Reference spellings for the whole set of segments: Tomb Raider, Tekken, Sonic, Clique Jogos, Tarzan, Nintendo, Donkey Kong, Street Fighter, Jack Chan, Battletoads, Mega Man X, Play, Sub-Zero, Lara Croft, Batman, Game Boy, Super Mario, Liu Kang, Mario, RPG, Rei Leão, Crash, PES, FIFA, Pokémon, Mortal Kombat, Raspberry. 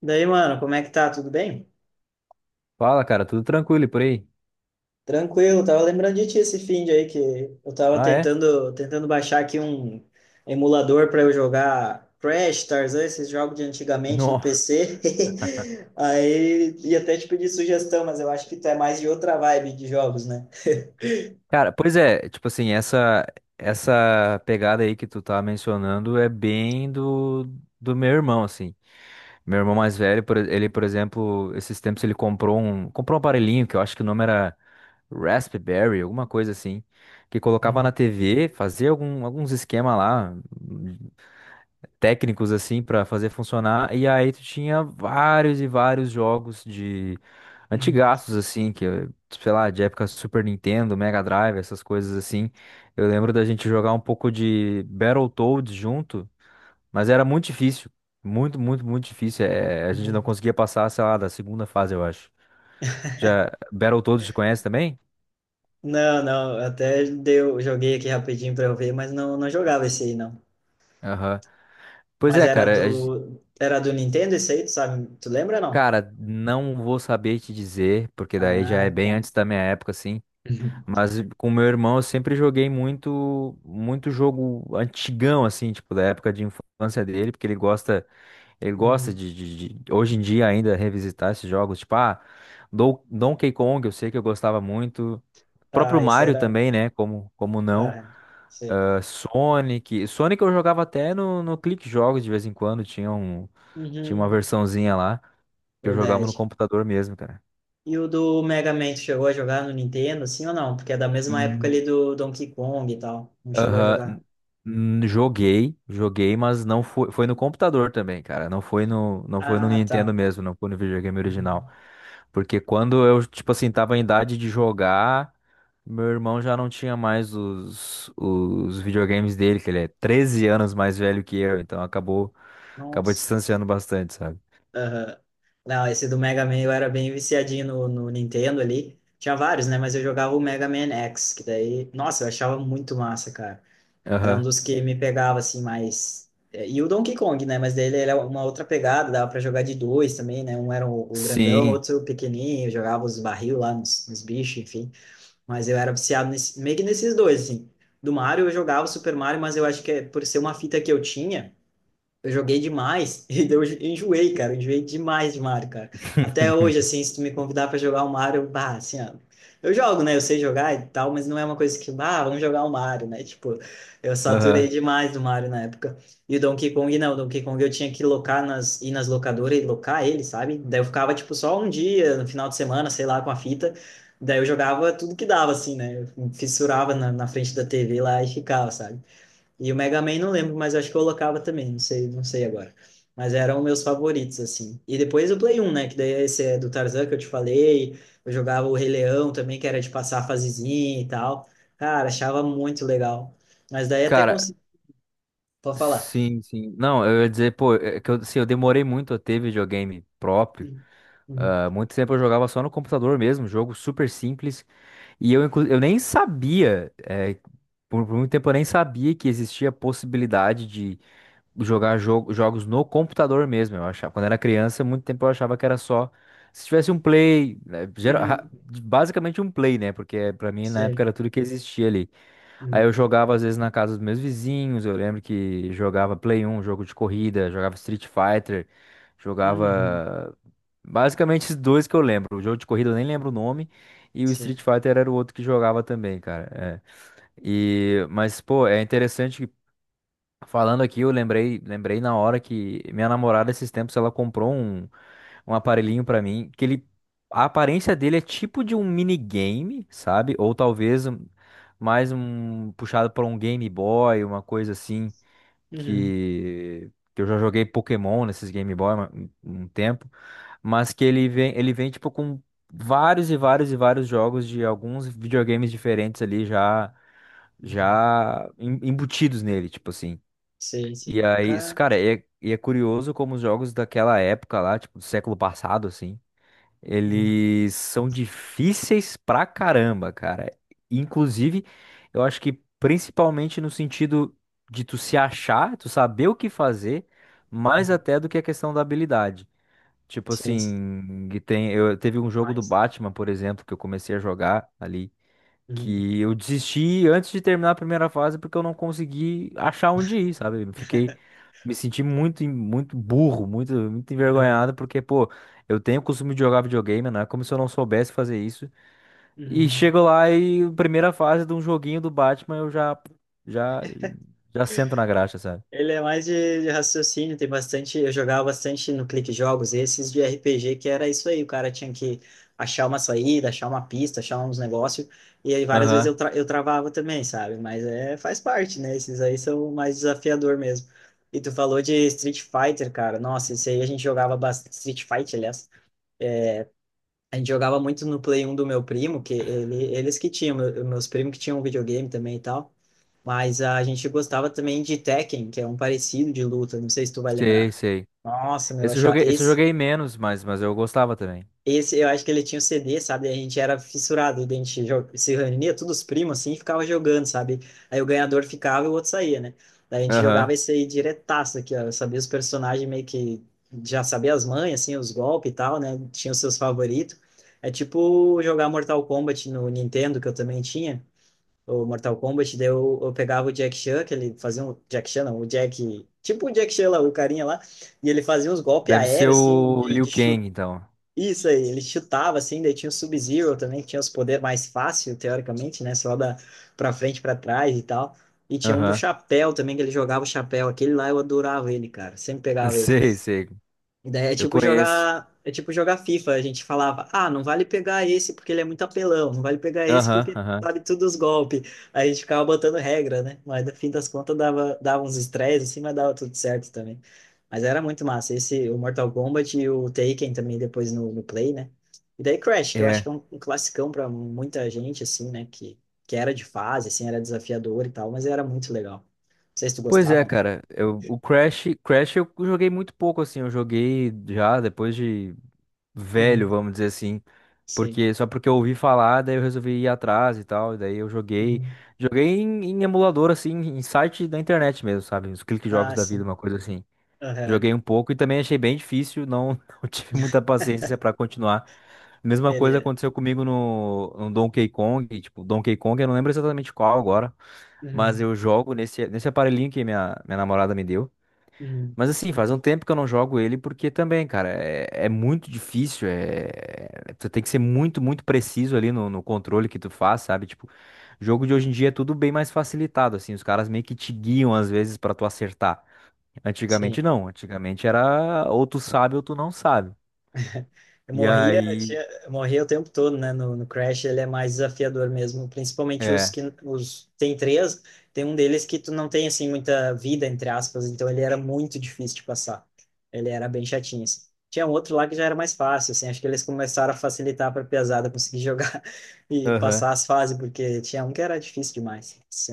Daí, mano, como é que tá? Tudo bem? Fala, cara, tudo tranquilo e por aí? Tranquilo, tava lembrando de ti esse fim de aí que eu tava Ah, é? tentando baixar aqui um emulador para eu jogar Crash, Tarzan, esses jogos de antigamente no Não. PC. Aí ia até te pedir sugestão, mas eu acho que tu é mais de outra vibe de jogos, né? Cara, pois é, tipo assim, essa pegada aí que tu tá mencionando é bem do meu irmão, assim. Meu irmão mais velho, ele, por exemplo, esses tempos ele comprou um aparelhinho que eu acho que o nome era Raspberry, alguma coisa assim, que colocava Uhum, na TV, fazia algum, alguns esquema lá técnicos assim pra fazer funcionar. E aí tu tinha vários e vários jogos de uhum, antigaços assim, que sei lá, de época Super Nintendo, Mega Drive, essas coisas assim. Eu lembro da gente jogar um pouco de Battletoads junto, mas era muito difícil. Muito, muito, muito difícil. É, a gente não uhum. conseguia passar, sei lá, da segunda fase, eu acho. Já Battletoads te conhece também? Não, não, até deu, joguei aqui rapidinho pra eu ver, mas não jogava esse aí, não. Aham. Pois Mas é, era cara. Do, era do Nintendo esse aí, tu sabe? Tu lembra, não? Cara, não vou saber te dizer, porque daí já Ah, é bem tá. antes da minha época, assim. Mas com meu irmão eu sempre joguei muito, muito jogo antigão, assim, tipo, da época de infância dele, porque ele gosta Uhum. de hoje em dia ainda revisitar esses jogos, tipo, ah, Donkey Kong, eu sei que eu gostava muito. Próprio Ah, esse Mario era. também, né? Como não? Ah, sei. Ah, Sonic. Sonic eu jogava até no Clique Jogos de vez em quando, tinha uma Uhum. versãozinha lá que eu jogava no Verdade. computador mesmo, cara. E o do Mega Man, tu chegou a jogar no Nintendo, sim ou não? Porque é da mesma época ali do Donkey Kong e tal. Não chegou a Aham, jogar? Joguei, mas foi no computador também, cara. Não foi no Ah, Nintendo tá. mesmo, não foi no videogame original. Uhum. Porque quando eu, tipo assim, tava em idade de jogar, meu irmão já não tinha mais os videogames dele, que ele é 13 anos mais velho que eu, então acabou, Nossa. distanciando bastante, sabe? Aham. Não, esse do Mega Man eu era bem viciadinho no Nintendo ali. Tinha vários, né? Mas eu jogava o Mega Man X, que daí. Nossa, eu achava muito massa, cara. Era um Aham. dos que me pegava, assim, mais. É, e o Donkey Kong, né? Mas dele era uma outra pegada, dava pra jogar de dois também, né? Um era o grandão, Sim. outro o pequenininho, eu jogava os barril lá nos bichos, enfim. Mas eu era viciado nesse, meio que nesses dois, assim. Do Mario eu jogava o Super Mario, mas eu acho que é por ser uma fita que eu tinha. Eu joguei demais e eu enjoei, cara. Eu enjoei demais de Mario, cara. Até hoje, assim, se tu me convidar pra jogar o Mario, bah, assim, ó, eu jogo, né? Eu sei jogar e tal, mas não é uma coisa que, bah, vamos jogar o Mario, né? Tipo, eu saturei Aham. demais do Mario na época. E o Donkey Kong, não. O Donkey Kong eu tinha que locar nas, ir nas locadoras e locar ele, sabe? Daí eu ficava, tipo, só um dia, no final de semana, sei lá, com a fita. Daí eu jogava tudo que dava, assim, né? Eu fissurava na frente da TV lá e ficava, sabe? E o Mega Man não lembro, mas acho que eu colocava também, não sei, não sei agora. Mas eram meus favoritos, assim. E depois o Play um né? Que daí esse é do Tarzan que eu te falei. Eu jogava o Rei Leão também, que era de passar a fasezinha e tal. Cara, achava muito legal. Mas daí até Cara, consegui. Pode falar. sim, sim. Não, eu ia dizer, pô, é que eu, assim, eu demorei muito a ter videogame próprio. Uhum. Uhum. Ah, muito tempo eu jogava só no computador mesmo, jogo super simples. Eu nem sabia, por muito tempo eu nem sabia que existia a possibilidade de jogar jogos no computador mesmo. Eu achava, quando era criança, muito tempo eu achava que era só se tivesse um play, né, Uhum. basicamente um play, né? Porque pra mim na época Sei. era tudo que existia ali. Aí eu Uhum. jogava às vezes na casa dos meus vizinhos, eu lembro que jogava Play 1, jogo de corrida, jogava Street Fighter, Uhum. jogava basicamente esses dois que eu lembro. O jogo de corrida eu nem lembro o nome e o Sei. Street Fighter era o outro que jogava também, cara. É. E mas pô, é interessante que falando aqui, eu lembrei na hora que minha namorada esses tempos ela comprou um aparelhinho pra mim, que ele a aparência dele é tipo de um minigame, sabe? Ou talvez mais um puxado para um Game Boy, uma coisa assim Uhum. que eu já joguei Pokémon nesses Game Boy um tempo, mas que ele vem tipo com vários e vários e vários jogos de alguns videogames diferentes ali já Uhum. Embutidos nele, tipo assim. Sei, E sim. aí, isso, Cara. cara, e é curioso como os jogos daquela época lá, tipo, do século passado, assim, Uhum. eles são difíceis pra caramba, cara. Inclusive, eu acho que principalmente no sentido de tu se achar, tu saber o que fazer, mais Uhum. até do que a questão da habilidade. Tipo Sei, sim. assim, eu teve um jogo do Mas. Batman, por exemplo, que eu comecei a jogar ali Uhum. que eu desisti antes de terminar a primeira fase porque eu não consegui achar onde ir, sabe? Eu Fiquei, me senti muito, muito burro, muito, muito Uhum. envergonhado porque, pô, eu tenho o costume de jogar videogame, né? Como se eu não soubesse fazer isso. E Uhum. chego lá e primeira fase de um joguinho do Batman eu já, já sento na graxa, sabe? Ele é mais de raciocínio, tem bastante. Eu jogava bastante no Clique Jogos, esses de RPG, que era isso aí, o cara tinha que achar uma saída, achar uma pista, achar uns negócios, e aí várias vezes Aham. Eu travava também, sabe? Mas é, faz parte, né? Esses aí são mais desafiador mesmo. E tu falou de Street Fighter, cara. Nossa, esse aí a gente jogava bastante. Street Fight, aliás. A gente jogava muito no Play 1 do meu primo, que ele, eles que tinham, meus primos que tinham um videogame também e tal. Mas a gente gostava também de Tekken, que é um parecido de luta, não sei se tu vai Sei, lembrar. sei. Nossa, meu, eu Esse eu achava joguei, esse eu esse, joguei menos, mas eu gostava também. esse eu acho que ele tinha o CD, sabe? A gente era fissurado, a gente se reunia todos os primos assim, e ficava jogando, sabe? Aí o ganhador ficava e o outro saía, né? Daí a gente jogava Aham. esse aí diretaço aqui, ó. Eu sabia os personagens meio que já sabia as manhas, assim, os golpes e tal, né? Tinha os seus favoritos. É tipo jogar Mortal Kombat no Nintendo, que eu também tinha o Mortal Kombat, daí eu pegava o Jack Chan, que ele fazia um... Jack Chan não, o Jack... Tipo o Jack Chan lá, o carinha lá, e ele fazia uns golpes Deve ser aéreos, assim, o Liu de chute. Kang, então. Isso aí, ele chutava, assim, daí tinha o Sub-Zero também, que tinha os poderes mais fáceis teoricamente, né? Só da pra frente, pra trás e tal. E tinha um do Aham. chapéu também, que ele jogava o chapéu. Aquele lá eu adorava ele, cara. Sempre pegava ele. Sei, sei. E daí é Eu tipo conheço. jogar, é tipo jogar FIFA. A gente falava, ah, não vale pegar esse porque ele é muito apelão, não vale pegar esse Aham, porque aham. sabe tudo os golpes. Aí a gente ficava botando regra, né? Mas no fim das contas dava uns estresses assim, mas dava tudo certo também. Mas era muito massa. Esse, o Mortal Kombat e o Taken também depois no Play, né? E daí Crash, que eu acho que é É. Um classicão pra muita gente, assim, né? Que era de fase, assim, era desafiador e tal, mas era muito legal. Não sei se tu Pois gostava, é, né? cara. O Crash eu joguei muito pouco, assim. Eu joguei já depois de velho, Uhum. vamos dizer assim. Sim. Porque, só porque eu ouvi falar, daí eu resolvi ir atrás e tal. E daí eu joguei. Uhum. Joguei em emulador, assim, em site da internet mesmo, sabe? Os clique jogos Ah, da vida, sim. uma coisa assim. Aham. Joguei um pouco e também achei bem difícil. Não, não tive muita paciência pra continuar. Mesma coisa Ele. aconteceu comigo no Donkey Kong. Tipo, Donkey Kong, eu não lembro exatamente qual agora, mas Uhum, eu jogo nesse aparelhinho que minha namorada me deu. uhum, Mas assim, faz um tempo que eu não jogo ele, porque também, cara, é muito difícil. É, tu tem que ser muito, muito preciso ali no controle que tu faz, sabe? Tipo, jogo de hoje em dia é tudo bem mais facilitado, assim. Os caras meio que te guiam às vezes pra tu acertar. sim. Antigamente não. Antigamente era ou tu sabe ou tu não sabe. Eu E morria, aí. Eu morria o tempo todo, né? No Crash ele é mais desafiador mesmo, principalmente os É. que os tem três, tem um deles que tu não tem assim muita vida entre aspas, então ele era muito difícil de passar. Ele era bem chatinho. Assim. Tinha um outro lá que já era mais fácil, assim, acho que eles começaram a facilitar para pesada conseguir jogar e Aham. passar as fases, porque tinha um que era difícil demais, assim.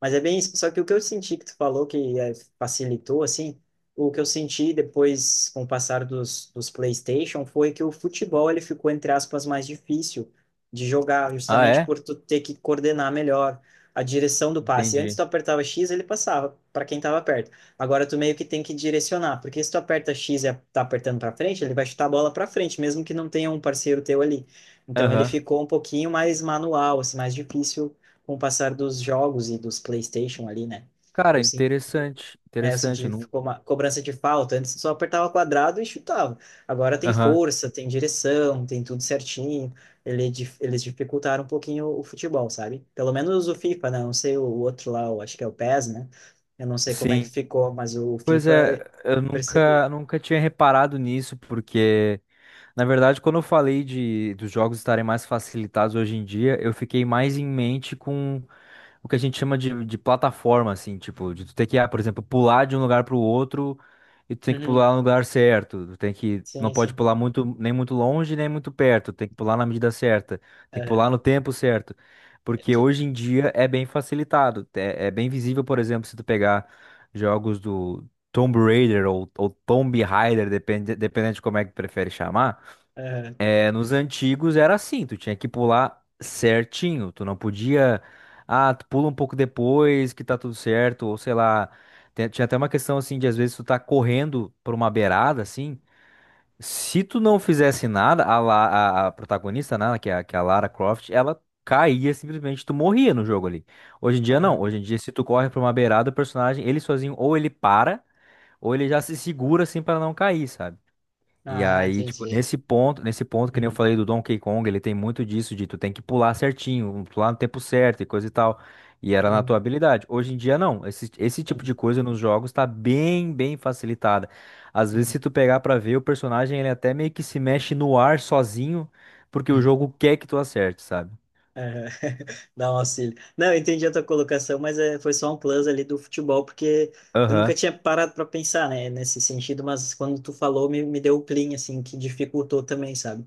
Mas é bem isso. Só que o que eu senti que tu falou que facilitou, assim, o que eu senti depois com o passar dos PlayStation foi que o futebol ele ficou, entre aspas, mais difícil de jogar, Ah, justamente é? por tu ter que coordenar melhor a direção do passe. Antes tu Entendi. apertava X, ele passava para quem estava perto. Agora tu meio que tem que direcionar, porque se tu aperta X e tá apertando para frente, ele vai chutar a bola para frente, mesmo que não tenha um parceiro teu ali. Então ele Aham. ficou um pouquinho mais manual, assim, mais difícil com o passar dos jogos e dos PlayStation ali, né? Cara, Eu senti, interessante. eu senti Interessante. Eu que Não... ficou uma cobrança de falta. Antes só apertava quadrado e chutava. Agora tem Aham. força, tem direção, tem tudo certinho. Eles dificultaram um pouquinho o futebol, sabe? Pelo menos o FIFA, né? Não sei o outro lá, eu acho que é o PES, né? Eu não sei como é que Sim. ficou, mas o Pois FIFA é, eu eu percebi. nunca, nunca tinha reparado nisso, porque, na verdade, quando eu falei dos jogos estarem mais facilitados hoje em dia, eu fiquei mais em mente com o que a gente chama de plataforma, assim, tipo, de tu ter que, por exemplo, pular de um lugar pro outro e tu tem que Uhum. pular no lugar certo. Não Sim, pode sim. pular muito, nem muito longe, nem muito perto. Tem que pular na medida certa. Tem que pular Aham, no tempo certo. Porque entendi. hoje em dia é bem facilitado. É bem visível, por exemplo, se tu pegar jogos do Tomb Raider ou Tomb Raider, dependendo de como é que tu prefere chamar. Aham, É, nos antigos era assim, tu tinha que pular certinho, tu não podia, tu pula um pouco depois que tá tudo certo, ou sei lá, tinha até uma questão assim de às vezes tu tá correndo por uma beirada assim, se tu não fizesse nada, a protagonista, né, que é a Lara Croft, ela caía simplesmente, tu morria no jogo ali. Hoje em dia não, aham. hoje em dia se tu corre por uma beirada, o personagem, ele sozinho, ou ele para, ou ele já se segura assim pra não cair, sabe? E Ah, aí, tipo, entendi. nesse ponto, que nem eu Uhum. falei do Donkey Kong, ele tem muito disso, de tu tem que pular certinho, pular no tempo certo e coisa e tal. E era na Uhum. tua habilidade. Hoje em dia, não. Esse tipo de Entendi. coisa nos jogos tá bem, bem facilitada. Às vezes, Uhum. se tu pegar pra ver, o personagem, ele até meio que se mexe no ar sozinho, porque o jogo quer que tu acerte, sabe? Aham. Dá um auxílio. Não, eu entendi a tua colocação, mas é, foi só um plus ali do futebol, porque eu nunca Aham. tinha parado para pensar, né, nesse sentido, mas quando tu falou, me deu o clean, assim, que dificultou também, sabe?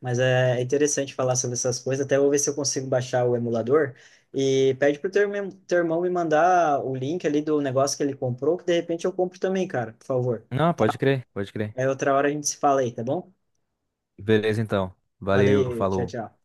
Mas é interessante falar sobre essas coisas, até vou ver se eu consigo baixar o emulador e pede pro teu irmão me mandar o link ali do negócio que ele comprou, que de repente eu compro também, cara, por favor. Não, pode crer, pode crer. Aí outra hora a gente se fala aí, tá bom? Beleza, então. Valeu, Valeu, tchau, falou. tchau.